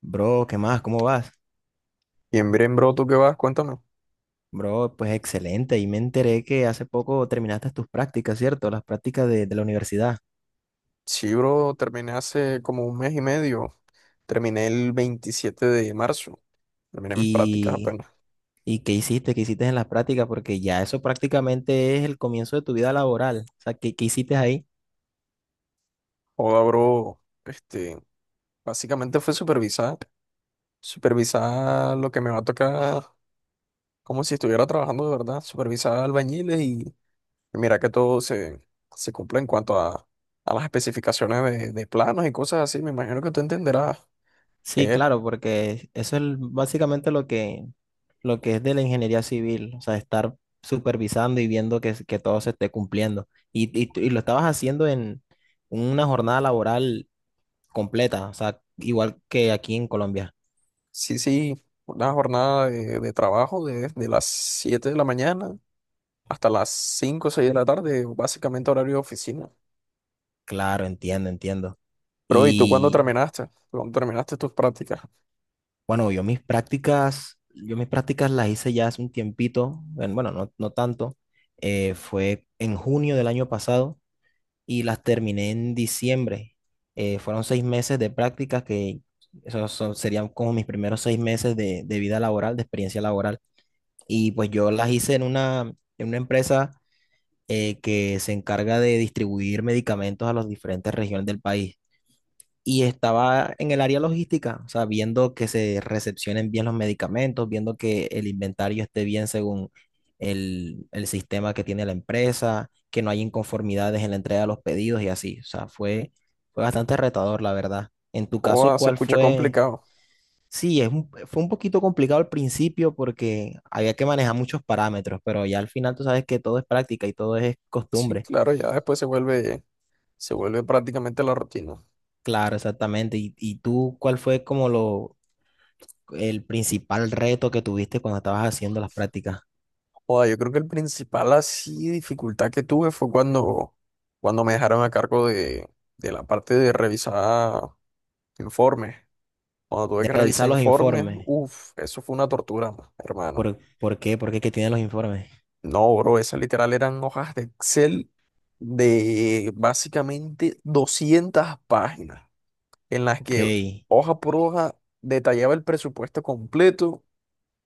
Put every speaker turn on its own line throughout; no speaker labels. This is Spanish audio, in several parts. Bro, ¿qué más? ¿Cómo vas?
Bien, bien, bro, ¿tú qué vas? Cuéntame.
Bro, pues excelente. Y me enteré que hace poco terminaste tus prácticas, ¿cierto? Las prácticas de la universidad.
Sí, bro, terminé hace como un mes y medio. Terminé el 27 de marzo. Terminé mis prácticas
¿Y,
apenas.
y qué hiciste? ¿Qué hiciste en las prácticas? Porque ya eso prácticamente es el comienzo de tu vida laboral. O sea, ¿qué hiciste ahí?
Joda, bro, básicamente fue supervisar. Supervisar lo que me va a tocar, como si estuviera trabajando de verdad. Supervisar albañiles y mira que todo se cumple en cuanto a las especificaciones de planos y cosas así. Me imagino que tú entenderás.
Sí,
Es,
claro, porque eso es básicamente lo que es de la ingeniería civil. O sea, estar supervisando y viendo que todo se esté cumpliendo. Y lo estabas haciendo en una jornada laboral completa, o sea, igual que aquí en Colombia.
sí, sí, una jornada de trabajo de las 7 de la mañana hasta las 5 o 6 de la tarde, básicamente horario de oficina.
Claro, entiendo, entiendo.
Pero, ¿y tú cuándo
Y
terminaste? ¿Cuándo terminaste tus prácticas?
bueno, yo mis prácticas las hice ya hace un tiempito, bueno, no, no tanto, fue en junio del año pasado y las terminé en diciembre. Fueron 6 meses de prácticas que serían como mis primeros 6 meses de vida laboral, de experiencia laboral. Y pues yo las hice en una empresa que se encarga de distribuir medicamentos a las diferentes regiones del país. Y estaba en el área logística, o sea, viendo que se recepcionen bien los medicamentos, viendo que el inventario esté bien según el sistema que tiene la empresa, que no hay inconformidades en la entrega de los pedidos y así. O sea, fue bastante retador, la verdad. En tu caso,
O se
¿cuál
escucha
fue?
complicado.
Sí, fue un poquito complicado al principio porque había que manejar muchos parámetros, pero ya al final tú sabes que todo es práctica y todo es
Sí,
costumbre.
claro, ya después se vuelve prácticamente la rutina.
Claro, exactamente. ¿Y tú cuál fue como el principal reto que tuviste cuando estabas haciendo las prácticas?
Joda, yo creo que el principal así dificultad que tuve fue cuando me dejaron a cargo de la parte de revisar informes. Cuando tuve
De
que revisar
revisar los
informes,
informes.
uff, eso fue una tortura, hermano.
¿Por qué? ¿Por qué que tienen los informes?
No, bro, esas literal eran hojas de Excel de básicamente 200 páginas, en las
Ok,
que hoja por hoja detallaba el presupuesto completo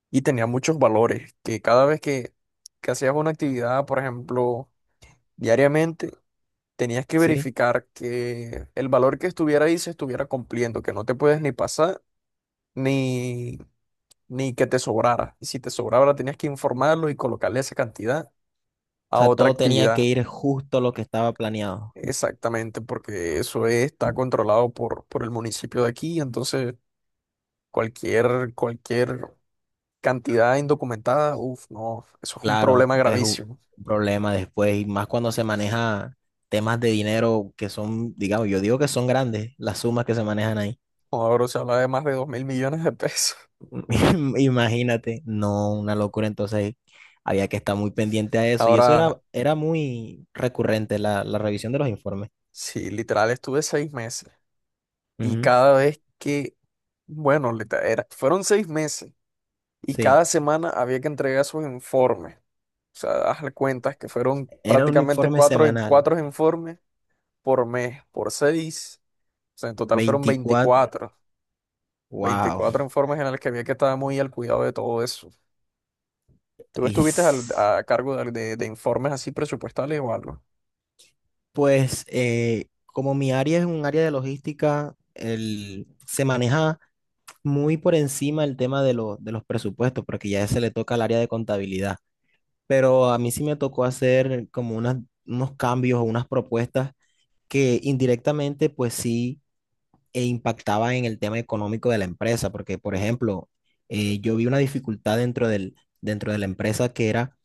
y tenía muchos valores, que cada vez que hacías una actividad, por ejemplo, diariamente, tenías que
sí.
verificar que el valor que estuviera ahí se estuviera cumpliendo, que no te puedes ni pasar ni, ni que te sobrara. Y si te sobraba, tenías que informarlo y colocarle esa cantidad
O
a
sea,
otra
todo tenía que
actividad.
ir justo lo que estaba planeado.
Exactamente, porque eso está controlado por el municipio de aquí, entonces cualquier cantidad indocumentada, uff, no, eso es un
Claro,
problema
es un
gravísimo.
problema después, y más cuando se maneja temas de dinero que son, digamos, yo digo que son grandes las sumas que se manejan ahí.
Ahora se habla de más de 2.000 millones de pesos.
Imagínate, no, una locura. Entonces había que estar muy pendiente a eso. Y eso
Ahora,
era muy recurrente, la revisión de los informes.
sí, literal, estuve 6 meses y
Ujú,
cada vez que, bueno, literal fueron 6 meses y cada
sí,
semana había que entregar sus informes. O sea, hazle cuentas que fueron
era un
prácticamente
informe
cuatro,
semanal,
cuatro informes por mes, por seis. O sea, en total fueron
24,
veinticuatro
wow.
veinticuatro informes en los que había que estar muy al cuidado de todo eso. ¿Tú
Y
estuviste al- a cargo de informes así presupuestales o algo?
pues, como mi área es un área de logística, se maneja muy por encima el tema de los presupuestos, porque ya se le toca al área de contabilidad. Pero a mí sí me tocó hacer como unos cambios o unas propuestas que indirectamente pues sí impactaba en el tema económico de la empresa, porque por ejemplo, yo vi una dificultad dentro de la empresa que era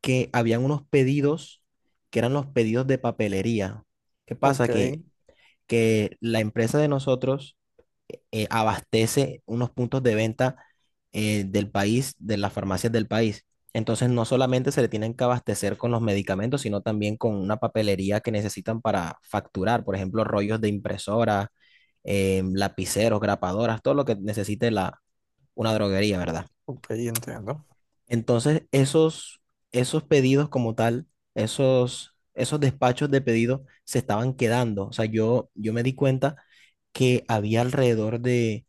que habían unos pedidos que eran los pedidos de papelería. ¿Qué
Ok,
pasa? Que la empresa de nosotros abastece unos puntos de venta del país, de las farmacias del país. Entonces, no solamente se le tienen que abastecer con los medicamentos, sino también con una papelería que necesitan para facturar, por ejemplo, rollos de impresora, lapiceros, grapadoras, todo lo que necesite una droguería, ¿verdad?
ok, entiendo.
Entonces, esos pedidos como tal, esos despachos de pedidos se estaban quedando. O sea, yo me di cuenta que había alrededor de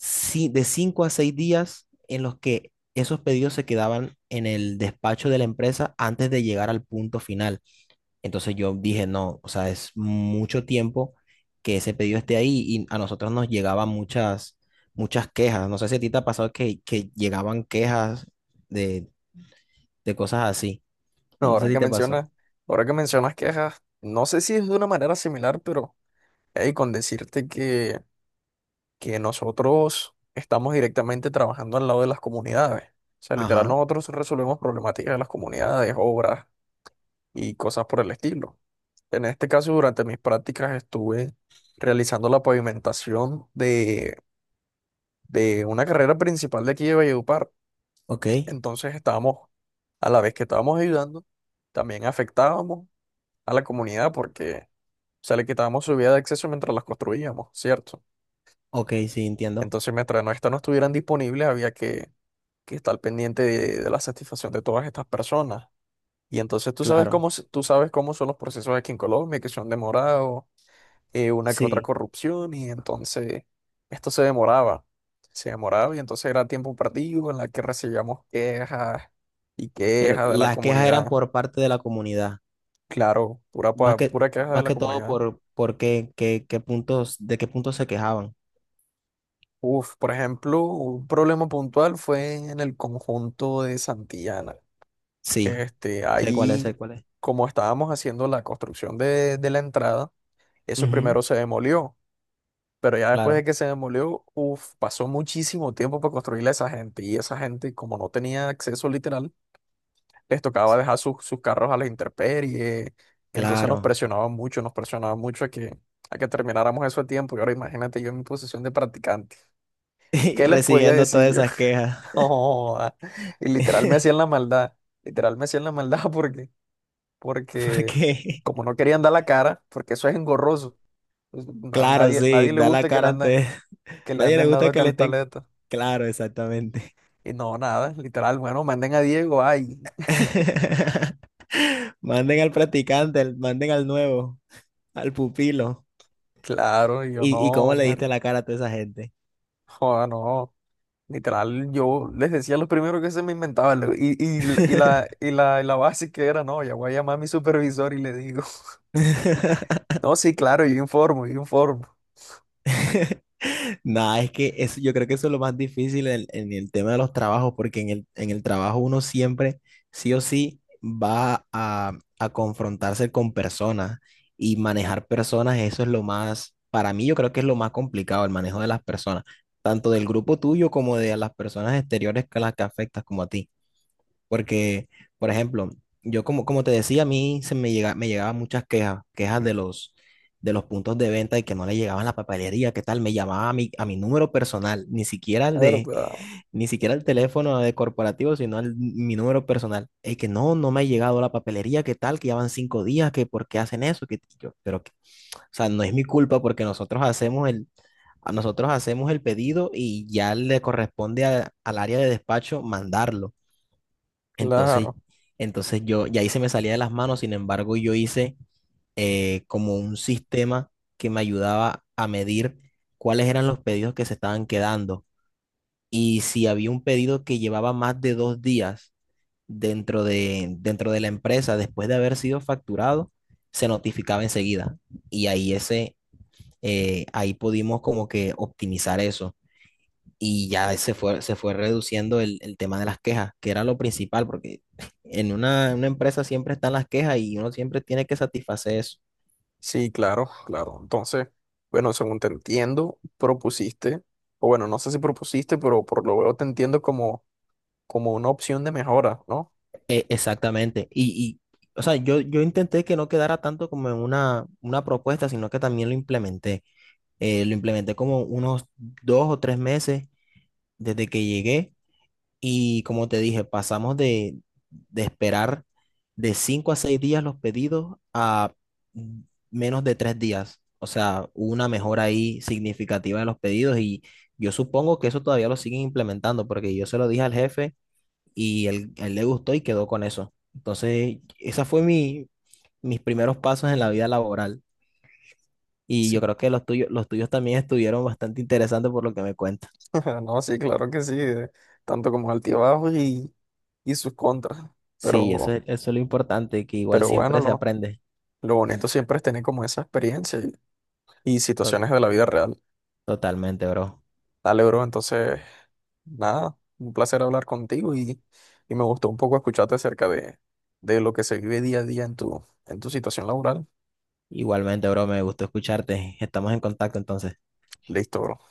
de 5 a 6 días en los que esos pedidos se quedaban en el despacho de la empresa antes de llegar al punto final. Entonces yo dije, no, o sea, es mucho tiempo que ese pedido esté ahí y a nosotros nos llegaban muchas quejas. No sé si a ti te ha pasado que llegaban quejas de, de cosas así.
No,
No sé
ahora
si
que
te pasó.
mencionas, ahora que mencionas quejas, no sé si es de una manera similar, pero hey, con decirte que nosotros estamos directamente trabajando al lado de las comunidades. O sea, literal,
Ajá,
nosotros resolvemos problemáticas de las comunidades, obras y cosas por el estilo. En este caso, durante mis prácticas estuve realizando la pavimentación de una carrera principal de aquí de Valledupar.
ok,
Entonces estábamos, a la vez que estábamos ayudando, también afectábamos a la comunidad porque se le quitábamos su vía de acceso mientras las construíamos, ¿cierto?
ok, sí, entiendo.
Entonces, mientras no, estas no estuvieran disponibles, había que estar pendiente de la satisfacción de todas estas personas. Y entonces
Claro,
tú sabes cómo son los procesos aquí en Colombia, que son demorados, una que otra
sí.
corrupción y entonces esto se demoraba y entonces era tiempo perdido en la que recibíamos quejas y
Pero
quejas de la
las quejas eran
comunidad.
por parte de la comunidad.
Claro,
Más que,
pura queja de
más
la
que todo
comunidad.
por, qué puntos, de qué puntos se quejaban.
Uf, por ejemplo, un problema puntual fue en el conjunto de Santillana.
Sí,
Este,
sé cuál es,
ahí,
sé cuál es.
como estábamos haciendo la construcción de la entrada, eso
Ujú,
primero se demolió. Pero ya después de
claro,
que se demolió, uf, pasó muchísimo tiempo para construirle a esa gente. Y esa gente, como no tenía acceso literal, les tocaba dejar sus carros a la intemperie. Y entonces
claro.
nos presionaban mucho a que termináramos eso a tiempo. Y ahora imagínate yo en mi posición de practicante.
Y
¿Qué les podía
recibiendo
decir
todas
yo?
esas quejas,
No, ah, y literal me hacían la maldad. Literal me hacían la maldad porque, porque
porque,
como no querían dar la cara, porque eso es engorroso. Pues, na-
claro,
nadie,
sí,
nadie le
da la
gusta que le
cara
anden,
ante...
que le
Nadie le
anden
gusta
dando
que le estén...
cantaleta.
Claro, exactamente.
Y no, nada, literal, bueno, manden a Diego, ay,
Manden al practicante, manden al nuevo, al pupilo.
claro, y yo
¿Y cómo
no,
le
mar-
diste la cara a toda esa gente?
Joda, no, literal, yo les decía lo primero que se me inventaba, y la base que era, no, ya voy a llamar a mi supervisor y le digo, no, sí, claro, yo informo,
Nada, es que eso, yo creo que eso es lo más difícil en el tema de los trabajos, porque en el trabajo uno siempre, sí o sí, a confrontarse con personas y manejar personas, eso es lo más, para mí yo creo que es lo más complicado, el manejo de las personas, tanto del grupo tuyo como de las personas exteriores que las que afectas como a ti. Porque, por ejemplo, yo como te decía, a mí se me llega, me llegaban muchas quejas, quejas de los puntos de venta y que no le llegaban la papelería, qué tal, me llamaba a mi número personal, ni siquiera
la
el de,
verdad,
ni siquiera el teléfono de corporativo, sino mi número personal. Es que no, no me ha llegado la papelería, qué tal, que ya van 5 días, que por qué hacen eso, que yo, pero que, o sea, no es mi culpa porque nosotros a nosotros hacemos el pedido y ya le corresponde al área de despacho mandarlo. Entonces,
claro,
entonces yo, y ahí se me salía de las manos, sin embargo, yo hice como un sistema que me ayudaba a medir cuáles eran los pedidos que se estaban quedando. Y si había un pedido que llevaba más de 2 días dentro de la empresa, después de haber sido facturado, se notificaba enseguida. Y ahí ahí pudimos como que optimizar eso y ya se fue reduciendo el tema de las quejas, que era lo principal, porque en una empresa siempre están las quejas y uno siempre tiene que satisfacer eso.
sí, claro, claro, entonces, bueno, según te entiendo, propusiste, o bueno, no sé si propusiste, pero por lo veo te entiendo como una opción de mejora, ¿no?
Exactamente. O sea, yo intenté que no quedara tanto como en una propuesta, sino que también lo implementé. Lo implementé como unos 2 o 3 meses desde que llegué. Y como te dije, pasamos de esperar de 5 a 6 días los pedidos a mm, menos de 3 días. O sea, hubo una mejora ahí significativa de los pedidos y yo supongo que eso todavía lo siguen implementando porque yo se lo dije al jefe y él le gustó y quedó con eso. Entonces, esa fue mis primeros pasos en la vida laboral y yo
Sí
creo que los tuyos también estuvieron bastante interesantes por lo que me cuentas.
No, sí, claro que sí, tanto como altibajos y sus contras,
Sí, eso,
pero,
eso es lo importante, que igual
pero bueno,
siempre se
lo,
aprende.
lo bonito siempre es tener como esa experiencia y
To-
situaciones de la vida real.
Totalmente, bro.
Dale, bro, entonces, nada, un placer hablar contigo y me gustó un poco escucharte acerca de lo que se vive día a día en tu situación laboral.
Igualmente, bro, me gustó escucharte. Estamos en contacto entonces.
Listo, bro.